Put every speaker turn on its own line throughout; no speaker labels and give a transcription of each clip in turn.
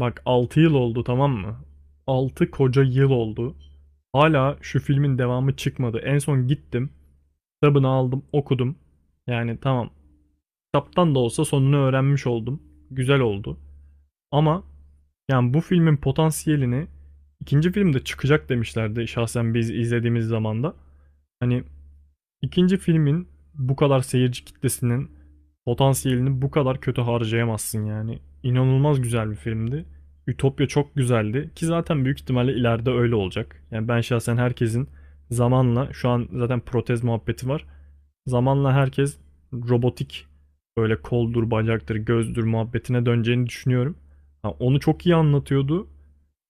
Bak 6 yıl oldu, tamam mı? 6 koca yıl oldu. Hala şu filmin devamı çıkmadı. En son gittim. Kitabını aldım, okudum. Yani tamam. Kitaptan da olsa sonunu öğrenmiş oldum. Güzel oldu. Ama yani bu filmin potansiyelini ikinci filmde çıkacak demişlerdi şahsen biz izlediğimiz zamanda. Hani İkinci filmin bu kadar seyirci kitlesinin potansiyelini bu kadar kötü harcayamazsın yani. İnanılmaz güzel bir filmdi. Ütopya çok güzeldi ki zaten büyük ihtimalle ileride öyle olacak. Yani ben şahsen herkesin zamanla, şu an zaten protez muhabbeti var. Zamanla herkes robotik, böyle koldur, bacaktır, gözdür muhabbetine döneceğini düşünüyorum. Ha, onu çok iyi anlatıyordu.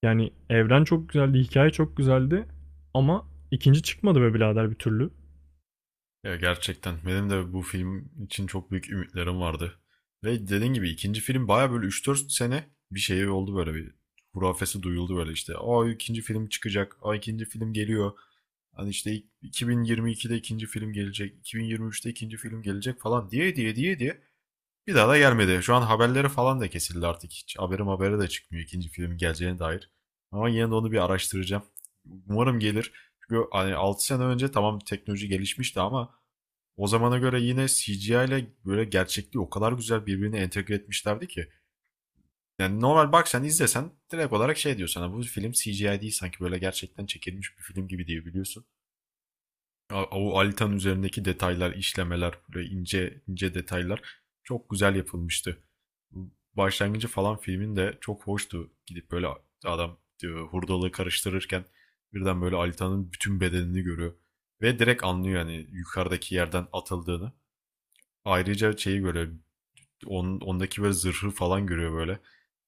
Yani evren çok güzeldi, hikaye çok güzeldi ama ikinci çıkmadı be birader bir türlü.
Ya gerçekten benim de bu film için çok büyük ümitlerim vardı. Ve dediğin gibi ikinci film baya böyle üç dört sene bir şey oldu böyle bir hurafesi duyuldu böyle işte. Aa, ikinci film çıkacak. Aa, ikinci film geliyor. Hani işte 2022'de ikinci film gelecek. 2023'te ikinci film gelecek falan diye diye diye diye. Bir daha da gelmedi. Şu an haberleri falan da kesildi artık. Hiç habere de çıkmıyor ikinci film geleceğine dair. Ama yine de onu bir araştıracağım. Umarım gelir. Çünkü hani 6 sene önce tamam teknoloji gelişmişti ama o zamana göre yine CGI ile böyle gerçekliği o kadar güzel birbirine entegre etmişlerdi ki. Yani normal, bak sen izlesen direkt olarak şey diyor sana, bu film CGI değil sanki böyle gerçekten çekilmiş bir film gibi diye biliyorsun. O Alitan üzerindeki detaylar, işlemeler, böyle ince ince detaylar çok güzel yapılmıştı. Bu başlangıcı falan filmin de çok hoştu. Gidip böyle adam diyor, hurdalığı karıştırırken birden böyle Alitan'ın bütün bedenini görüyor. Ve direkt anlıyor yani yukarıdaki yerden atıldığını. Ayrıca şeyi böyle ondaki böyle zırhı falan görüyor böyle.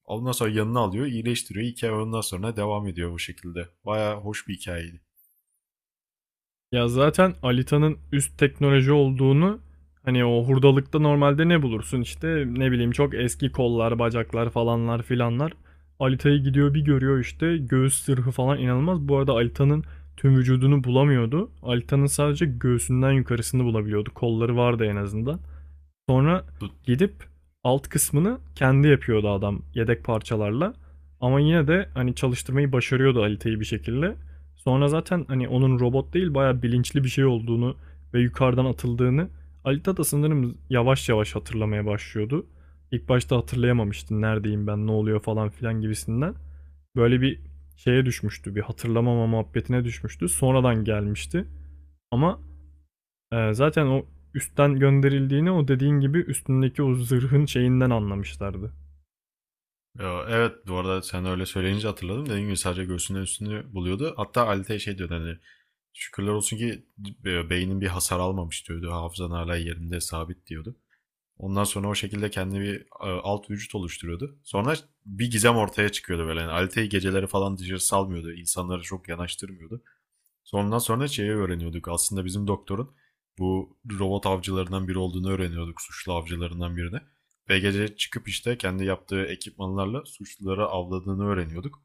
Ondan sonra yanına alıyor, iyileştiriyor. Hikaye ondan sonra devam ediyor bu şekilde. Baya hoş bir hikayeydi.
Ya zaten Alita'nın üst teknoloji olduğunu, hani o hurdalıkta normalde ne bulursun, işte ne bileyim, çok eski kollar, bacaklar falanlar filanlar. Alita'yı gidiyor bir görüyor, işte göğüs sırhı falan inanılmaz. Bu arada Alita'nın tüm vücudunu bulamıyordu. Alita'nın sadece göğsünden yukarısını bulabiliyordu. Kolları vardı en azından. Sonra
Bu-
gidip alt kısmını kendi yapıyordu adam, yedek parçalarla. Ama yine de hani çalıştırmayı başarıyordu Alita'yı bir şekilde. Sonra zaten hani onun robot değil bayağı bilinçli bir şey olduğunu ve yukarıdan atıldığını Alita da sanırım yavaş yavaş hatırlamaya başlıyordu. İlk başta hatırlayamamıştı, neredeyim ben, ne oluyor falan filan gibisinden. Böyle bir şeye düşmüştü, bir hatırlamama muhabbetine düşmüştü. Sonradan gelmişti. Ama zaten o üstten gönderildiğini, o dediğin gibi, üstündeki o zırhın şeyinden anlamışlardı.
Ya, evet, bu arada sen öyle söyleyince hatırladım. Dediğim gibi sadece göğsünün üstünü buluyordu. Hatta Alite'ye şey diyordu, hani şükürler olsun ki beynin bir hasar almamış diyordu. Hafızan hala yerinde sabit diyordu. Ondan sonra o şekilde kendi bir alt vücut oluşturuyordu. Sonra bir gizem ortaya çıkıyordu böyle. Yani Alite'yi geceleri falan dışarı salmıyordu. İnsanları çok yanaştırmıyordu. Sondan sonra şeyi öğreniyorduk. Aslında bizim doktorun bu robot avcılarından biri olduğunu öğreniyorduk. Suçlu avcılarından birini. Ve gece çıkıp işte kendi yaptığı ekipmanlarla suçluları avladığını öğreniyorduk.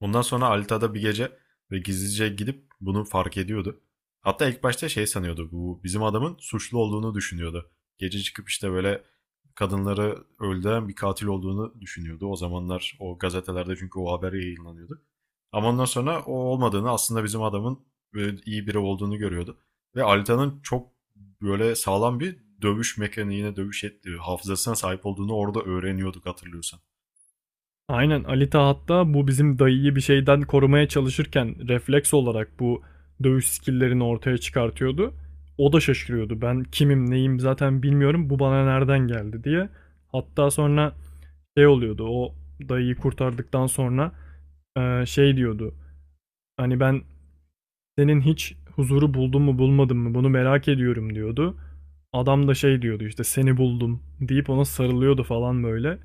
Ondan sonra Alita'da bir gece ve gizlice gidip bunu fark ediyordu. Hatta ilk başta şey sanıyordu. Bu bizim adamın suçlu olduğunu düşünüyordu. Gece çıkıp işte böyle kadınları öldüren bir katil olduğunu düşünüyordu. O zamanlar o gazetelerde çünkü o haber yayınlanıyordu. Ama ondan sonra o olmadığını, aslında bizim adamın iyi biri olduğunu görüyordu. Ve Alita'nın çok böyle sağlam bir dövüş mekaniğine, dövüş ettiği hafızasına sahip olduğunu orada öğreniyorduk, hatırlıyorsan.
Aynen, Alita hatta bu bizim dayıyı bir şeyden korumaya çalışırken refleks olarak bu dövüş skill'lerini ortaya çıkartıyordu. O da şaşırıyordu. Ben kimim neyim zaten bilmiyorum, bu bana nereden geldi diye. Hatta sonra şey oluyordu, o dayıyı kurtardıktan sonra şey diyordu. Hani ben Senin hiç huzuru buldun mu bulmadın mı, bunu merak ediyorum diyordu. Adam da şey diyordu, işte seni buldum deyip ona sarılıyordu falan böyle.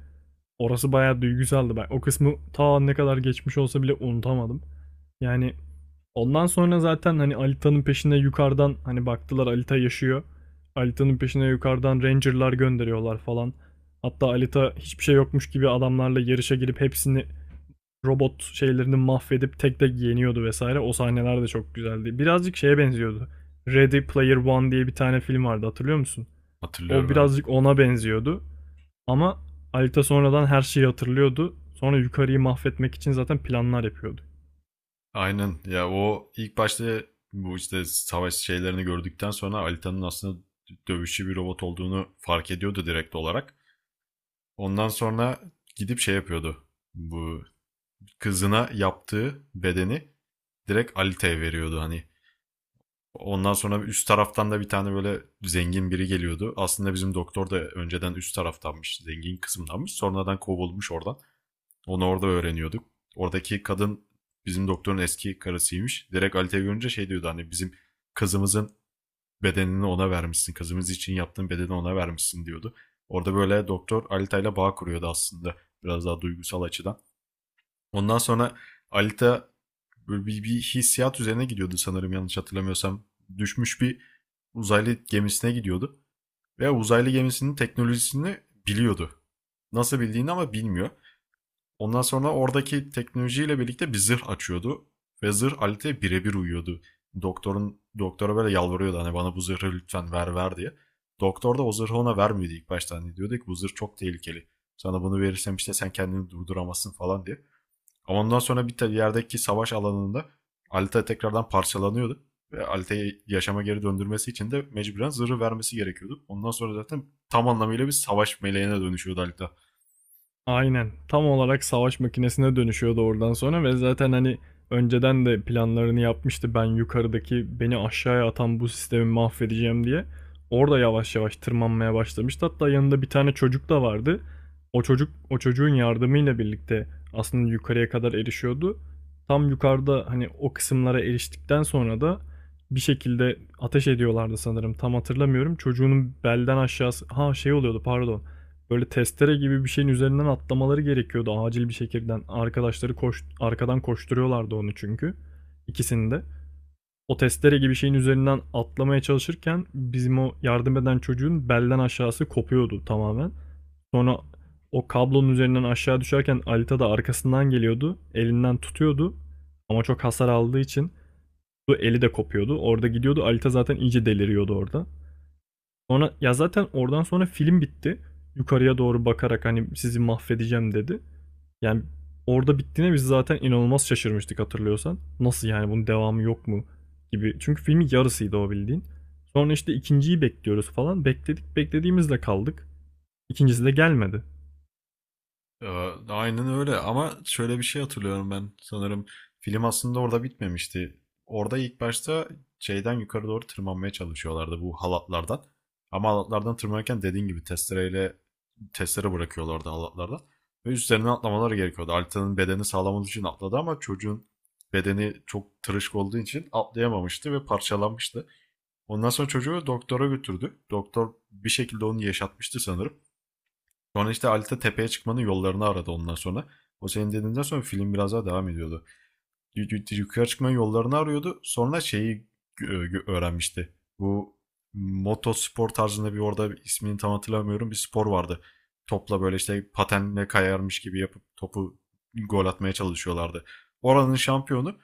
Orası bayağı duygusaldı. Ben o kısmı ta ne kadar geçmiş olsa bile unutamadım. Yani ondan sonra zaten hani Alita'nın peşine yukarıdan, hani baktılar Alita yaşıyor. Alita'nın peşine yukarıdan Ranger'lar gönderiyorlar falan. Hatta Alita hiçbir şey yokmuş gibi adamlarla yarışa girip hepsini, robot şeylerini mahvedip tek tek yeniyordu vesaire. O sahneler de çok güzeldi. Birazcık şeye benziyordu. Ready Player One diye bir tane film vardı, hatırlıyor musun? O
Hatırlıyorum, evet.
birazcık ona benziyordu. Ama Alita sonradan her şeyi hatırlıyordu. Sonra yukarıyı mahvetmek için zaten planlar yapıyordu.
Aynen ya, o ilk başta bu işte savaş şeylerini gördükten sonra Alita'nın aslında dövüşçü bir robot olduğunu fark ediyordu direkt olarak. Ondan sonra gidip şey yapıyordu. Bu kızına yaptığı bedeni direkt Alita'ya veriyordu hani. Ondan sonra üst taraftan da bir tane böyle zengin biri geliyordu. Aslında bizim doktor da önceden üst taraftanmış, zengin kısımdanmış. Sonradan kovulmuş oradan. Onu orada öğreniyorduk. Oradaki kadın bizim doktorun eski karısıymış. Direkt Alita'yı görünce şey diyordu, hani bizim kızımızın bedenini ona vermişsin. Kızımız için yaptığın bedeni ona vermişsin diyordu. Orada böyle doktor Alita ile bağ kuruyordu aslında. Biraz daha duygusal açıdan. Ondan sonra Alita böyle bir hissiyat üzerine gidiyordu sanırım, yanlış hatırlamıyorsam. Düşmüş bir uzaylı gemisine gidiyordu. Ve uzaylı gemisinin teknolojisini biliyordu. Nasıl bildiğini ama bilmiyor. Ondan sonra oradaki teknolojiyle birlikte bir zırh açıyordu. Ve zırh Alit'e birebir uyuyordu. Doktora böyle yalvarıyordu, hani bana bu zırhı lütfen ver diye. Doktor da o zırhı ona vermiyordu ilk başta. Hani diyordu ki, bu zırh çok tehlikeli. Sana bunu verirsem işte sen kendini durduramazsın falan diye. Ama ondan sonra bir yerdeki savaş alanında Alita tekrardan parçalanıyordu. Ve Alita'yı yaşama geri döndürmesi için de mecburen zırhı vermesi gerekiyordu. Ondan sonra zaten tam anlamıyla bir savaş meleğine dönüşüyordu Alita.
Aynen. Tam olarak savaş makinesine dönüşüyordu oradan sonra ve zaten hani önceden de planlarını yapmıştı, ben yukarıdaki beni aşağıya atan bu sistemi mahvedeceğim diye. Orada yavaş yavaş tırmanmaya başlamıştı. Hatta yanında bir tane çocuk da vardı. O çocuğun yardımıyla birlikte aslında yukarıya kadar erişiyordu. Tam yukarıda hani o kısımlara eriştikten sonra da bir şekilde ateş ediyorlardı sanırım. Tam hatırlamıyorum. Çocuğunun belden aşağısı, ha şey oluyordu, pardon. Böyle testere gibi bir şeyin üzerinden atlamaları gerekiyordu acil bir şekilde. Arkadaşları koş, arkadan koşturuyorlardı onu çünkü. İkisini de. O testere gibi şeyin üzerinden atlamaya çalışırken bizim o yardım eden çocuğun belden aşağısı kopuyordu tamamen. Sonra o kablonun üzerinden aşağı düşerken Alita da arkasından geliyordu. Elinden tutuyordu. Ama çok hasar aldığı için bu eli de kopuyordu. Orada gidiyordu. Alita zaten iyice deliriyordu orada. Sonra ya zaten oradan sonra film bitti. Yukarıya doğru bakarak hani sizi mahvedeceğim dedi. Yani orada bittiğine biz zaten inanılmaz şaşırmıştık, hatırlıyorsan. Nasıl yani, bunun devamı yok mu gibi. Çünkü filmin yarısıydı o, bildiğin. Sonra işte ikinciyi bekliyoruz falan. Bekledik, beklediğimizde kaldık. İkincisi de gelmedi.
Ya, aynen öyle, ama şöyle bir şey hatırlıyorum ben sanırım, film aslında orada bitmemişti. Orada ilk başta şeyden yukarı doğru tırmanmaya çalışıyorlardı bu halatlardan. Ama halatlardan tırmanırken dediğin gibi testere bırakıyorlardı halatlardan. Ve üstlerine atlamaları gerekiyordu. Alita'nın bedeni sağlam olduğu için atladı ama çocuğun bedeni çok tırışık olduğu için atlayamamıştı ve parçalanmıştı. Ondan sonra çocuğu doktora götürdü. Doktor bir şekilde onu yaşatmıştı sanırım. Sonra işte Alita tepeye çıkmanın yollarını aradı ondan sonra. O senin dediğinden sonra film biraz daha devam ediyordu. Yukarı çıkmanın yollarını arıyordu. Sonra şeyi öğrenmişti. Bu motospor tarzında bir, orada ismini tam hatırlamıyorum, bir spor vardı. Topla böyle işte patenle kayarmış gibi yapıp topu gol atmaya çalışıyorlardı. Oranın şampiyonu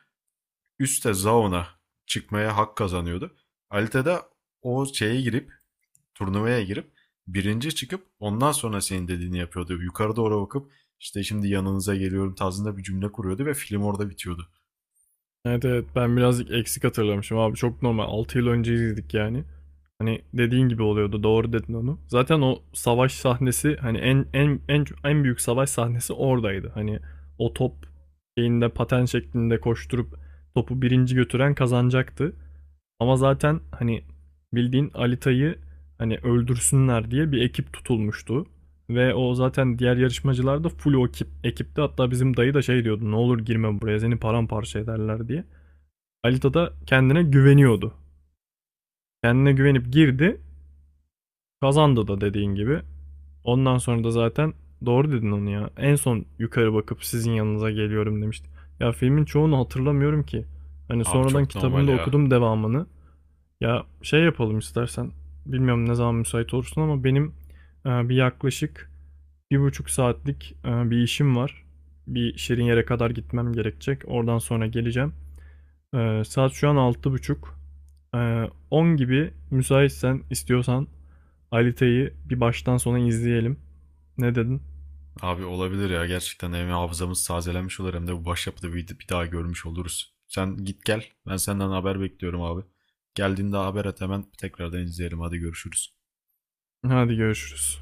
üstte Zaun'a çıkmaya hak kazanıyordu. Alita da o şeye girip turnuvaya girip birinci çıkıp ondan sonra senin dediğini yapıyordu. Yukarı doğru bakıp, işte şimdi yanınıza geliyorum tarzında bir cümle kuruyordu ve film orada bitiyordu.
Evet evet, ben birazcık eksik hatırlamışım abi, çok normal, 6 yıl önce izledik yani. Hani dediğin gibi oluyordu, doğru dedin onu. Zaten o savaş sahnesi, hani en en en en büyük savaş sahnesi oradaydı. Hani o top şeyinde paten şeklinde koşturup topu birinci götüren kazanacaktı. Ama zaten hani bildiğin Alita'yı hani öldürsünler diye bir ekip tutulmuştu. Ve o zaten, diğer yarışmacılar da full o ekipti. Hatta bizim dayı da şey diyordu, ne olur girme buraya, seni paramparça ederler diye. Alita da kendine güveniyordu. Kendine güvenip girdi. Kazandı da, dediğin gibi. Ondan sonra da zaten, doğru dedin onu ya. En son yukarı bakıp sizin yanınıza geliyorum demişti. Ya filmin çoğunu hatırlamıyorum ki. Hani
Abi
sonradan
çok normal
kitabını da
ya.
okudum, devamını. Ya şey yapalım istersen. Bilmiyorum ne zaman müsait olursun ama benim bir yaklaşık bir buçuk saatlik bir işim var. Bir şirin yere kadar gitmem gerekecek. Oradan sonra geleceğim. Saat şu an 6:30. On gibi müsaitsen, istiyorsan Alite'yi bir baştan sona izleyelim. Ne dedin?
Abi olabilir ya, gerçekten hem hafızamız tazelenmiş olur hem de bu başyapıtı bir daha görmüş oluruz. Sen git gel. Ben senden haber bekliyorum abi. Geldiğinde haber et, hemen tekrardan izleyelim. Hadi görüşürüz.
Hadi görüşürüz.